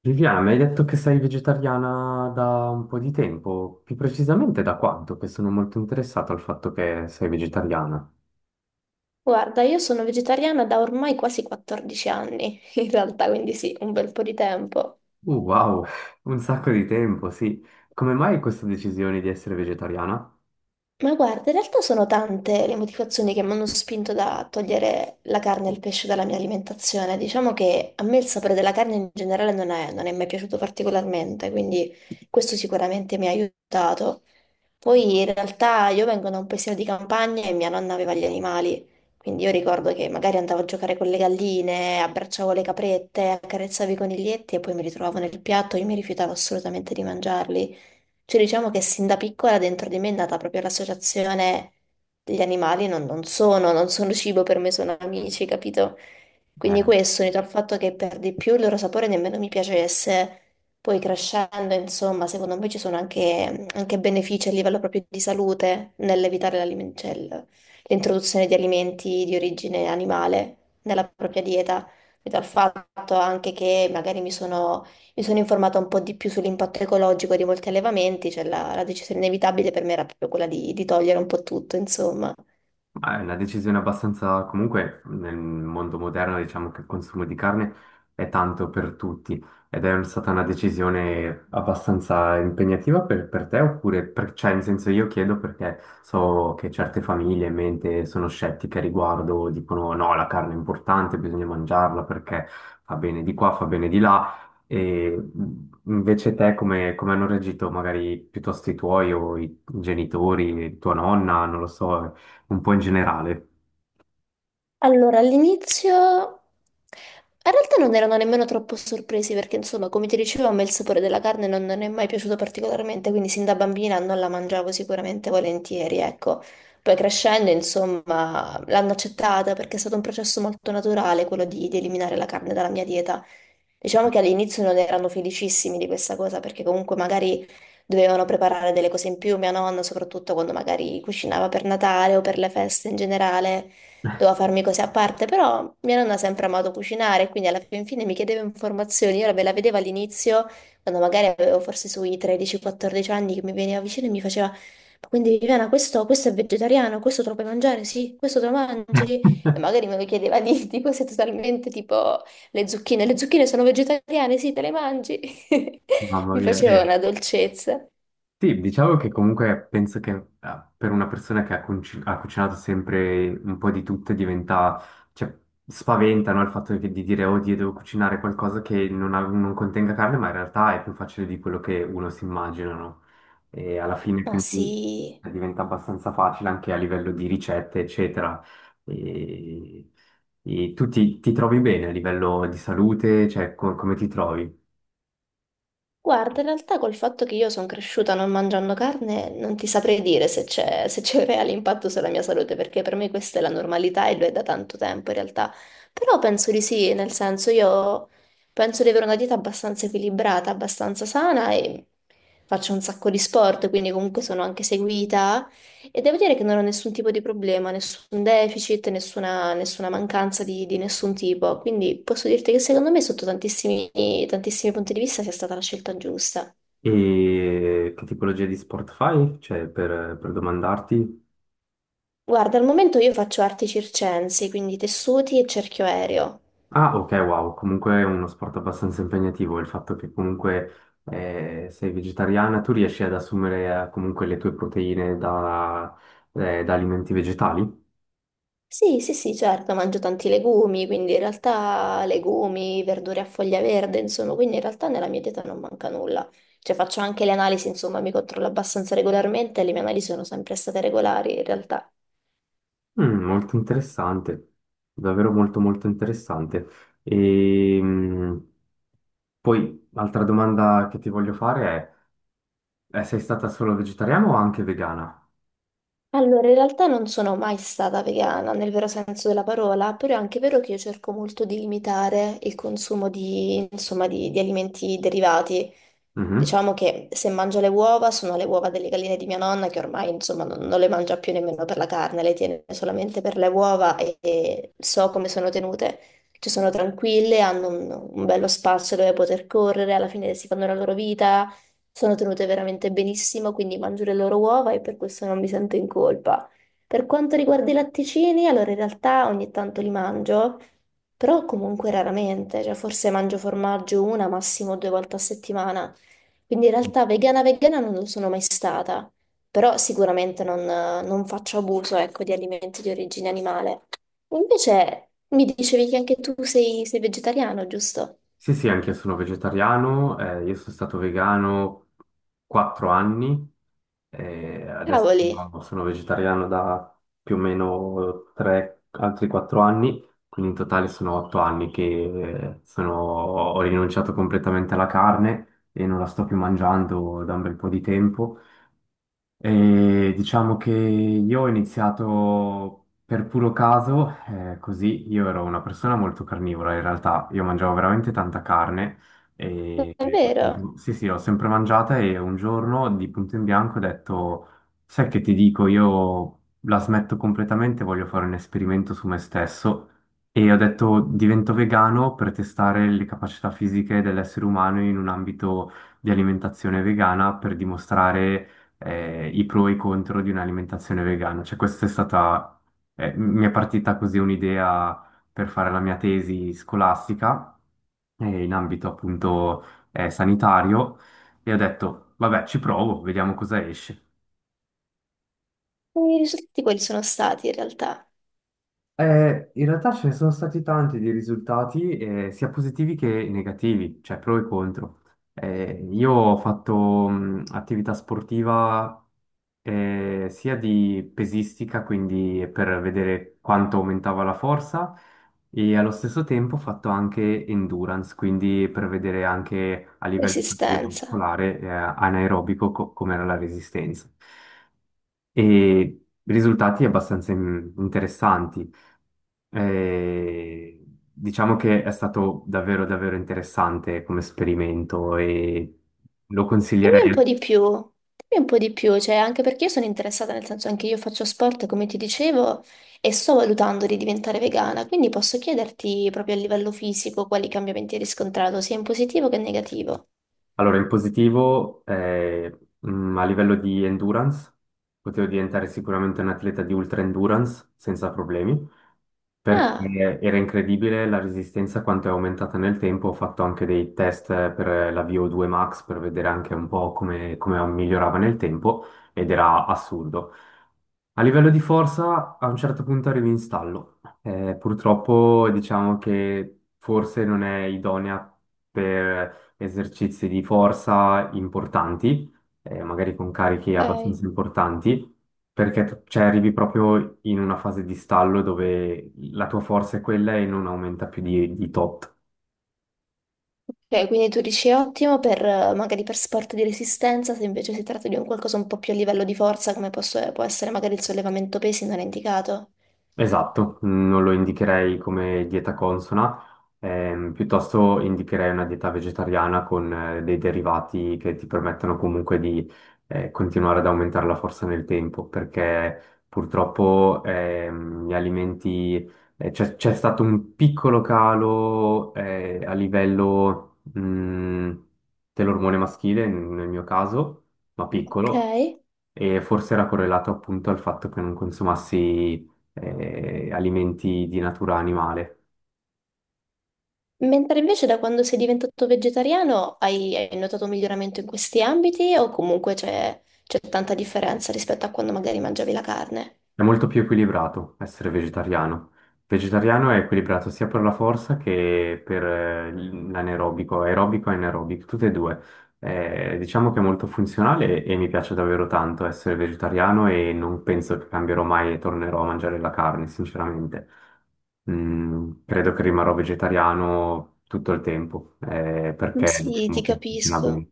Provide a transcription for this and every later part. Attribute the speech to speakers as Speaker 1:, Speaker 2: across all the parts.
Speaker 1: Viviana, mi hai detto che sei vegetariana da un po' di tempo, più precisamente da quanto? Che sono molto interessato al fatto che sei vegetariana.
Speaker 2: Guarda, io sono vegetariana da ormai quasi 14 anni, in realtà, quindi sì, un bel po' di tempo.
Speaker 1: Wow, un sacco di tempo, sì. Come mai questa decisione di essere vegetariana?
Speaker 2: Ma guarda, in realtà sono tante le motivazioni che mi hanno spinto da togliere la carne e il pesce dalla mia alimentazione. Diciamo che a me il sapore della carne in generale non è mai piaciuto particolarmente, quindi questo sicuramente mi ha aiutato. Poi in realtà io vengo da un paesino di campagna e mia nonna aveva gli animali, quindi io ricordo che magari andavo a giocare con le galline, abbracciavo le caprette, accarezzavo i coniglietti e poi mi ritrovavo nel piatto, io mi rifiutavo assolutamente di mangiarli. Cioè diciamo che sin da piccola dentro di me è nata proprio l'associazione degli animali, non sono cibo per me, sono amici, capito? Quindi
Speaker 1: Eh,
Speaker 2: questo, unito al fatto che per di più il loro sapore nemmeno mi piacesse, poi crescendo, insomma, secondo me ci sono anche benefici a livello proprio di salute nell'evitare l'introduzione di alimenti di origine animale nella propria dieta, unito al fatto anche che magari mi sono informata un po' di più sull'impatto ecologico di molti allevamenti, cioè la decisione inevitabile per me era proprio quella di togliere un po' tutto, insomma.
Speaker 1: Ma è una decisione abbastanza, comunque nel mondo moderno diciamo che il consumo di carne è tanto per tutti ed è stata una decisione abbastanza impegnativa per te oppure, per- cioè in senso io chiedo perché so che certe famiglie in mente sono scettiche a riguardo, dicono no, la carne è importante, bisogna mangiarla perché fa bene di qua, fa bene di là e invece te come, come hanno reagito magari piuttosto i tuoi o i genitori, tua nonna, non lo so un po' in generale.
Speaker 2: Allora, all'inizio in realtà non erano nemmeno troppo sorpresi perché, insomma, come ti dicevo, a me il sapore della carne non è mai piaciuto particolarmente, quindi sin da bambina non la mangiavo sicuramente volentieri, ecco. Poi crescendo, insomma, l'hanno accettata perché è stato un processo molto naturale quello di eliminare la carne dalla mia dieta. Diciamo che all'inizio non erano felicissimi di questa cosa perché comunque magari dovevano preparare delle cose in più, mia nonna, soprattutto quando magari cucinava per Natale o per le feste in generale. Devo farmi cose a parte, però mia nonna ha sempre amato cucinare, quindi alla fin fine mi chiedeva informazioni. Io ve la vedevo all'inizio, quando magari avevo forse sui 13-14 anni, che mi veniva vicino e mi faceva: Ma quindi Viviana, questo è vegetariano, questo te lo puoi mangiare? Sì, questo te lo mangi? E magari me lo chiedeva di cose totalmente tipo le zucchine. Le zucchine sono vegetariane, sì, te le mangi?
Speaker 1: Mamma
Speaker 2: Mi
Speaker 1: mia,
Speaker 2: faceva
Speaker 1: eh.
Speaker 2: una dolcezza.
Speaker 1: Sì, diciamo che comunque penso che per una persona che ha, conci- ha cucinato sempre un po' di tutto diventa, cioè, spaventa, no, il fatto che- di dire, oddio, devo cucinare qualcosa che non, ha- non contenga carne, ma in realtà è più facile di quello che uno si immagina, no? E alla fine
Speaker 2: Ma
Speaker 1: quindi
Speaker 2: sì.
Speaker 1: diventa abbastanza facile anche a livello di ricette, eccetera. E, e tu ti, ti trovi bene a livello di salute? Cioè, co- come ti trovi?
Speaker 2: Guarda, in realtà col fatto che io sono cresciuta non mangiando carne, non ti saprei dire se c'è un reale impatto sulla mia salute, perché per me questa è la normalità e lo è da tanto tempo in realtà. Però penso di sì, nel senso io penso di avere una dieta abbastanza equilibrata, abbastanza sana e faccio un sacco di sport, quindi comunque sono anche seguita e devo dire che non ho nessun tipo di problema, nessun deficit, nessuna mancanza di nessun tipo, quindi posso dirti che secondo me sotto tantissimi punti di vista sia stata la scelta giusta.
Speaker 1: E che tipologia di sport fai? Cioè, per domandarti.
Speaker 2: Guarda, al momento io faccio arti circensi, quindi tessuti e cerchio aereo.
Speaker 1: Ah, ok, wow, comunque è uno sport abbastanza impegnativo. Il fatto che comunque sei vegetariana, tu riesci ad assumere comunque le tue proteine da, da alimenti vegetali?
Speaker 2: Sì, sì, sì, certo, mangio tanti legumi, quindi in realtà legumi, verdure a foglia verde, insomma, quindi in realtà nella mia dieta non manca nulla. Cioè faccio anche le analisi, insomma, mi controllo abbastanza regolarmente e le mie analisi sono sempre state regolari in realtà.
Speaker 1: Molto interessante, davvero molto molto interessante. E poi, altra domanda che ti voglio fare è, sei stata solo vegetariana o anche vegana?
Speaker 2: Allora, in realtà non sono mai stata vegana nel vero senso della parola, però è anche vero che io cerco molto di limitare il consumo di, insomma, di alimenti derivati.
Speaker 1: Mhm.
Speaker 2: Diciamo che se mangio le uova, sono le uova delle galline di mia nonna, che ormai, insomma, non le mangia più nemmeno per la carne, le tiene solamente per le uova e so come sono tenute. Ci sono tranquille, hanno un bello spazio dove poter correre, alla fine si fanno la loro vita sono tenute veramente benissimo, quindi mangio le loro uova e per questo non mi sento in colpa. Per quanto riguarda i latticini, allora in realtà ogni tanto li mangio, però comunque raramente, cioè forse mangio formaggio una, massimo due volte a settimana. Quindi in realtà vegana vegana non lo sono mai stata, però sicuramente non faccio abuso, ecco, di alimenti di origine animale. Invece mi dicevi che anche tu sei vegetariano, giusto?
Speaker 1: Sì, sì, anche io sono vegetariano, io sono stato vegano 4 anni, adesso
Speaker 2: Cavoli,
Speaker 1: no, sono vegetariano da più o meno tre, altri 4 anni, quindi in totale sono 8 anni che ho rinunciato completamente alla carne e non la sto più mangiando da un bel po' di tempo. E diciamo che io ho iniziato per puro caso, così io ero una persona molto carnivora, in realtà io mangiavo veramente tanta carne e sì,
Speaker 2: davvero?
Speaker 1: sì, sì, l'ho sempre mangiata e un giorno di punto in bianco ho detto, sai che ti dico, io la smetto completamente, voglio fare un esperimento su me stesso e ho detto divento vegano per testare le capacità fisiche dell'essere umano in un ambito di alimentazione vegana per dimostrare i pro e i contro di un'alimentazione vegana. Cioè, questa è stata, mi è partita così un'idea per fare la mia tesi scolastica, in ambito appunto, sanitario, e ho detto, vabbè, ci provo, vediamo cosa esce.
Speaker 2: I risultati quali sono stati in realtà?
Speaker 1: In realtà ce ne sono stati tanti di risultati, sia positivi che negativi, cioè pro e contro. Io ho fatto attività sportiva sia di pesistica, quindi per vedere quanto aumentava la forza, e allo stesso tempo ho fatto anche endurance, quindi per vedere anche a livello
Speaker 2: Resistenza.
Speaker 1: cardiovascolare, anaerobico co- com'era la resistenza. E risultati abbastanza interessanti. Eh, diciamo che è stato davvero, davvero interessante come esperimento e lo
Speaker 2: Dimmi un
Speaker 1: consiglierei.
Speaker 2: po' di più, dimmi un po' di più, cioè anche perché io sono interessata, nel senso anche io faccio sport, come ti dicevo, e sto valutando di diventare vegana, quindi posso chiederti proprio a livello fisico quali cambiamenti hai riscontrato, sia in positivo che in negativo.
Speaker 1: Allora, in positivo, a livello di endurance, potevo diventare sicuramente un atleta di ultra endurance senza problemi, perché
Speaker 2: Ah,
Speaker 1: era incredibile la resistenza quanto è aumentata nel tempo. Ho fatto anche dei test per la VO2 Max per vedere anche un po' come, come migliorava nel tempo ed era assurdo. A livello di forza, a un certo punto arrivi in stallo. Purtroppo diciamo che forse non è idonea per esercizi di forza importanti, magari con carichi
Speaker 2: ok.
Speaker 1: abbastanza importanti, perché tu- cioè, arrivi proprio in una fase di stallo dove la tua forza è quella e non aumenta più di tot.
Speaker 2: Ok, quindi tu dici ottimo per magari per sport di resistenza, se invece si tratta di un qualcosa un po' più a livello di forza, come può essere magari il sollevamento pesi, non è indicato.
Speaker 1: Esatto, non lo indicherei come dieta consona, piuttosto indicherei una dieta vegetariana con dei derivati che ti permettano comunque di continuare ad aumentare la forza nel tempo, perché purtroppo gli alimenti, c'è stato un piccolo calo a livello dell'ormone maschile, nel mio caso, ma piccolo
Speaker 2: Ok.
Speaker 1: e forse era correlato appunto al fatto che non consumassi alimenti di natura animale.
Speaker 2: Mentre invece da quando sei diventato vegetariano hai notato un miglioramento in questi ambiti o comunque c'è tanta differenza rispetto a quando magari mangiavi la carne?
Speaker 1: È molto più equilibrato essere vegetariano. Vegetariano è equilibrato sia per la forza che per l'anaerobico, aerobico e anaerobico, tutte e due. Diciamo che è molto funzionale e mi piace davvero tanto essere vegetariano e non penso che cambierò mai e tornerò a mangiare la carne, sinceramente. Credo che rimarrò vegetariano tutto il tempo,
Speaker 2: Ma
Speaker 1: perché
Speaker 2: sì, ti
Speaker 1: diciamo che funziona
Speaker 2: capisco.
Speaker 1: bene.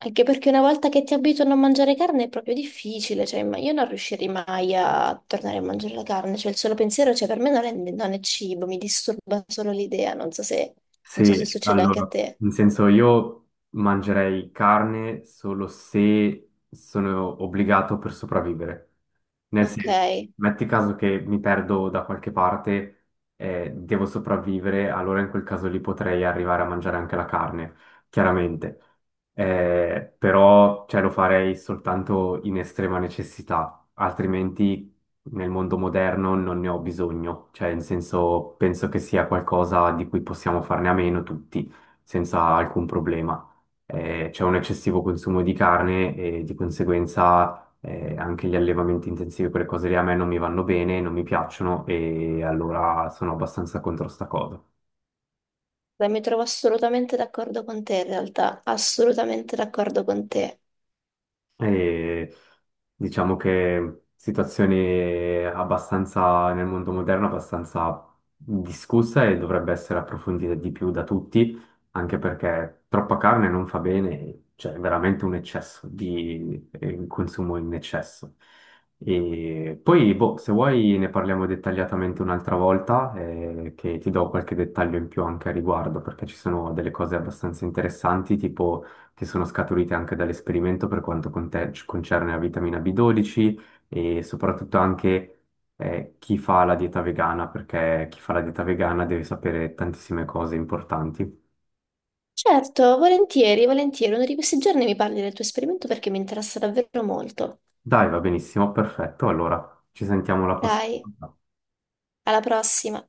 Speaker 2: Anche perché una volta che ti abituano a mangiare carne è proprio difficile, cioè ma io non riuscirei mai a tornare a mangiare la carne, cioè il solo pensiero, cioè per me non è cibo, mi disturba solo l'idea, non so se, non so se
Speaker 1: Sì,
Speaker 2: succede anche a
Speaker 1: allora,
Speaker 2: te.
Speaker 1: in senso io mangerei carne solo se sono obbligato per sopravvivere. Nel
Speaker 2: Ok,
Speaker 1: senso,
Speaker 2: dai,
Speaker 1: metti caso che mi perdo da qualche parte e devo sopravvivere, allora in quel caso lì potrei arrivare a mangiare anche la carne, chiaramente. Però cioè, lo farei soltanto in estrema necessità, altrimenti nel mondo moderno non ne ho bisogno, cioè in senso penso che sia qualcosa di cui possiamo farne a meno tutti, senza alcun problema. C'è un eccessivo consumo di carne e di conseguenza anche gli allevamenti intensivi, quelle cose lì a me non mi vanno bene, non mi piacciono e allora sono abbastanza contro sta cosa.
Speaker 2: mi trovo assolutamente d'accordo con te in realtà, assolutamente d'accordo con te.
Speaker 1: E diciamo che situazione abbastanza nel mondo moderno, abbastanza discussa e dovrebbe essere approfondita di più da tutti, anche perché troppa carne non fa bene, cioè è veramente un eccesso di un consumo in eccesso. E poi, boh, se vuoi ne parliamo dettagliatamente un'altra volta, che ti do qualche dettaglio in più anche a riguardo, perché ci sono delle cose abbastanza interessanti, tipo che sono scaturite anche dall'esperimento per quanto conte- concerne la vitamina B12 e soprattutto anche chi fa la dieta vegana, perché chi fa la dieta vegana deve sapere tantissime cose importanti.
Speaker 2: Certo, volentieri, volentieri. Uno di questi giorni mi parli del tuo esperimento perché mi interessa davvero molto.
Speaker 1: Dai, va benissimo, perfetto. Allora, ci sentiamo la prossima
Speaker 2: Dai,
Speaker 1: volta.
Speaker 2: alla prossima.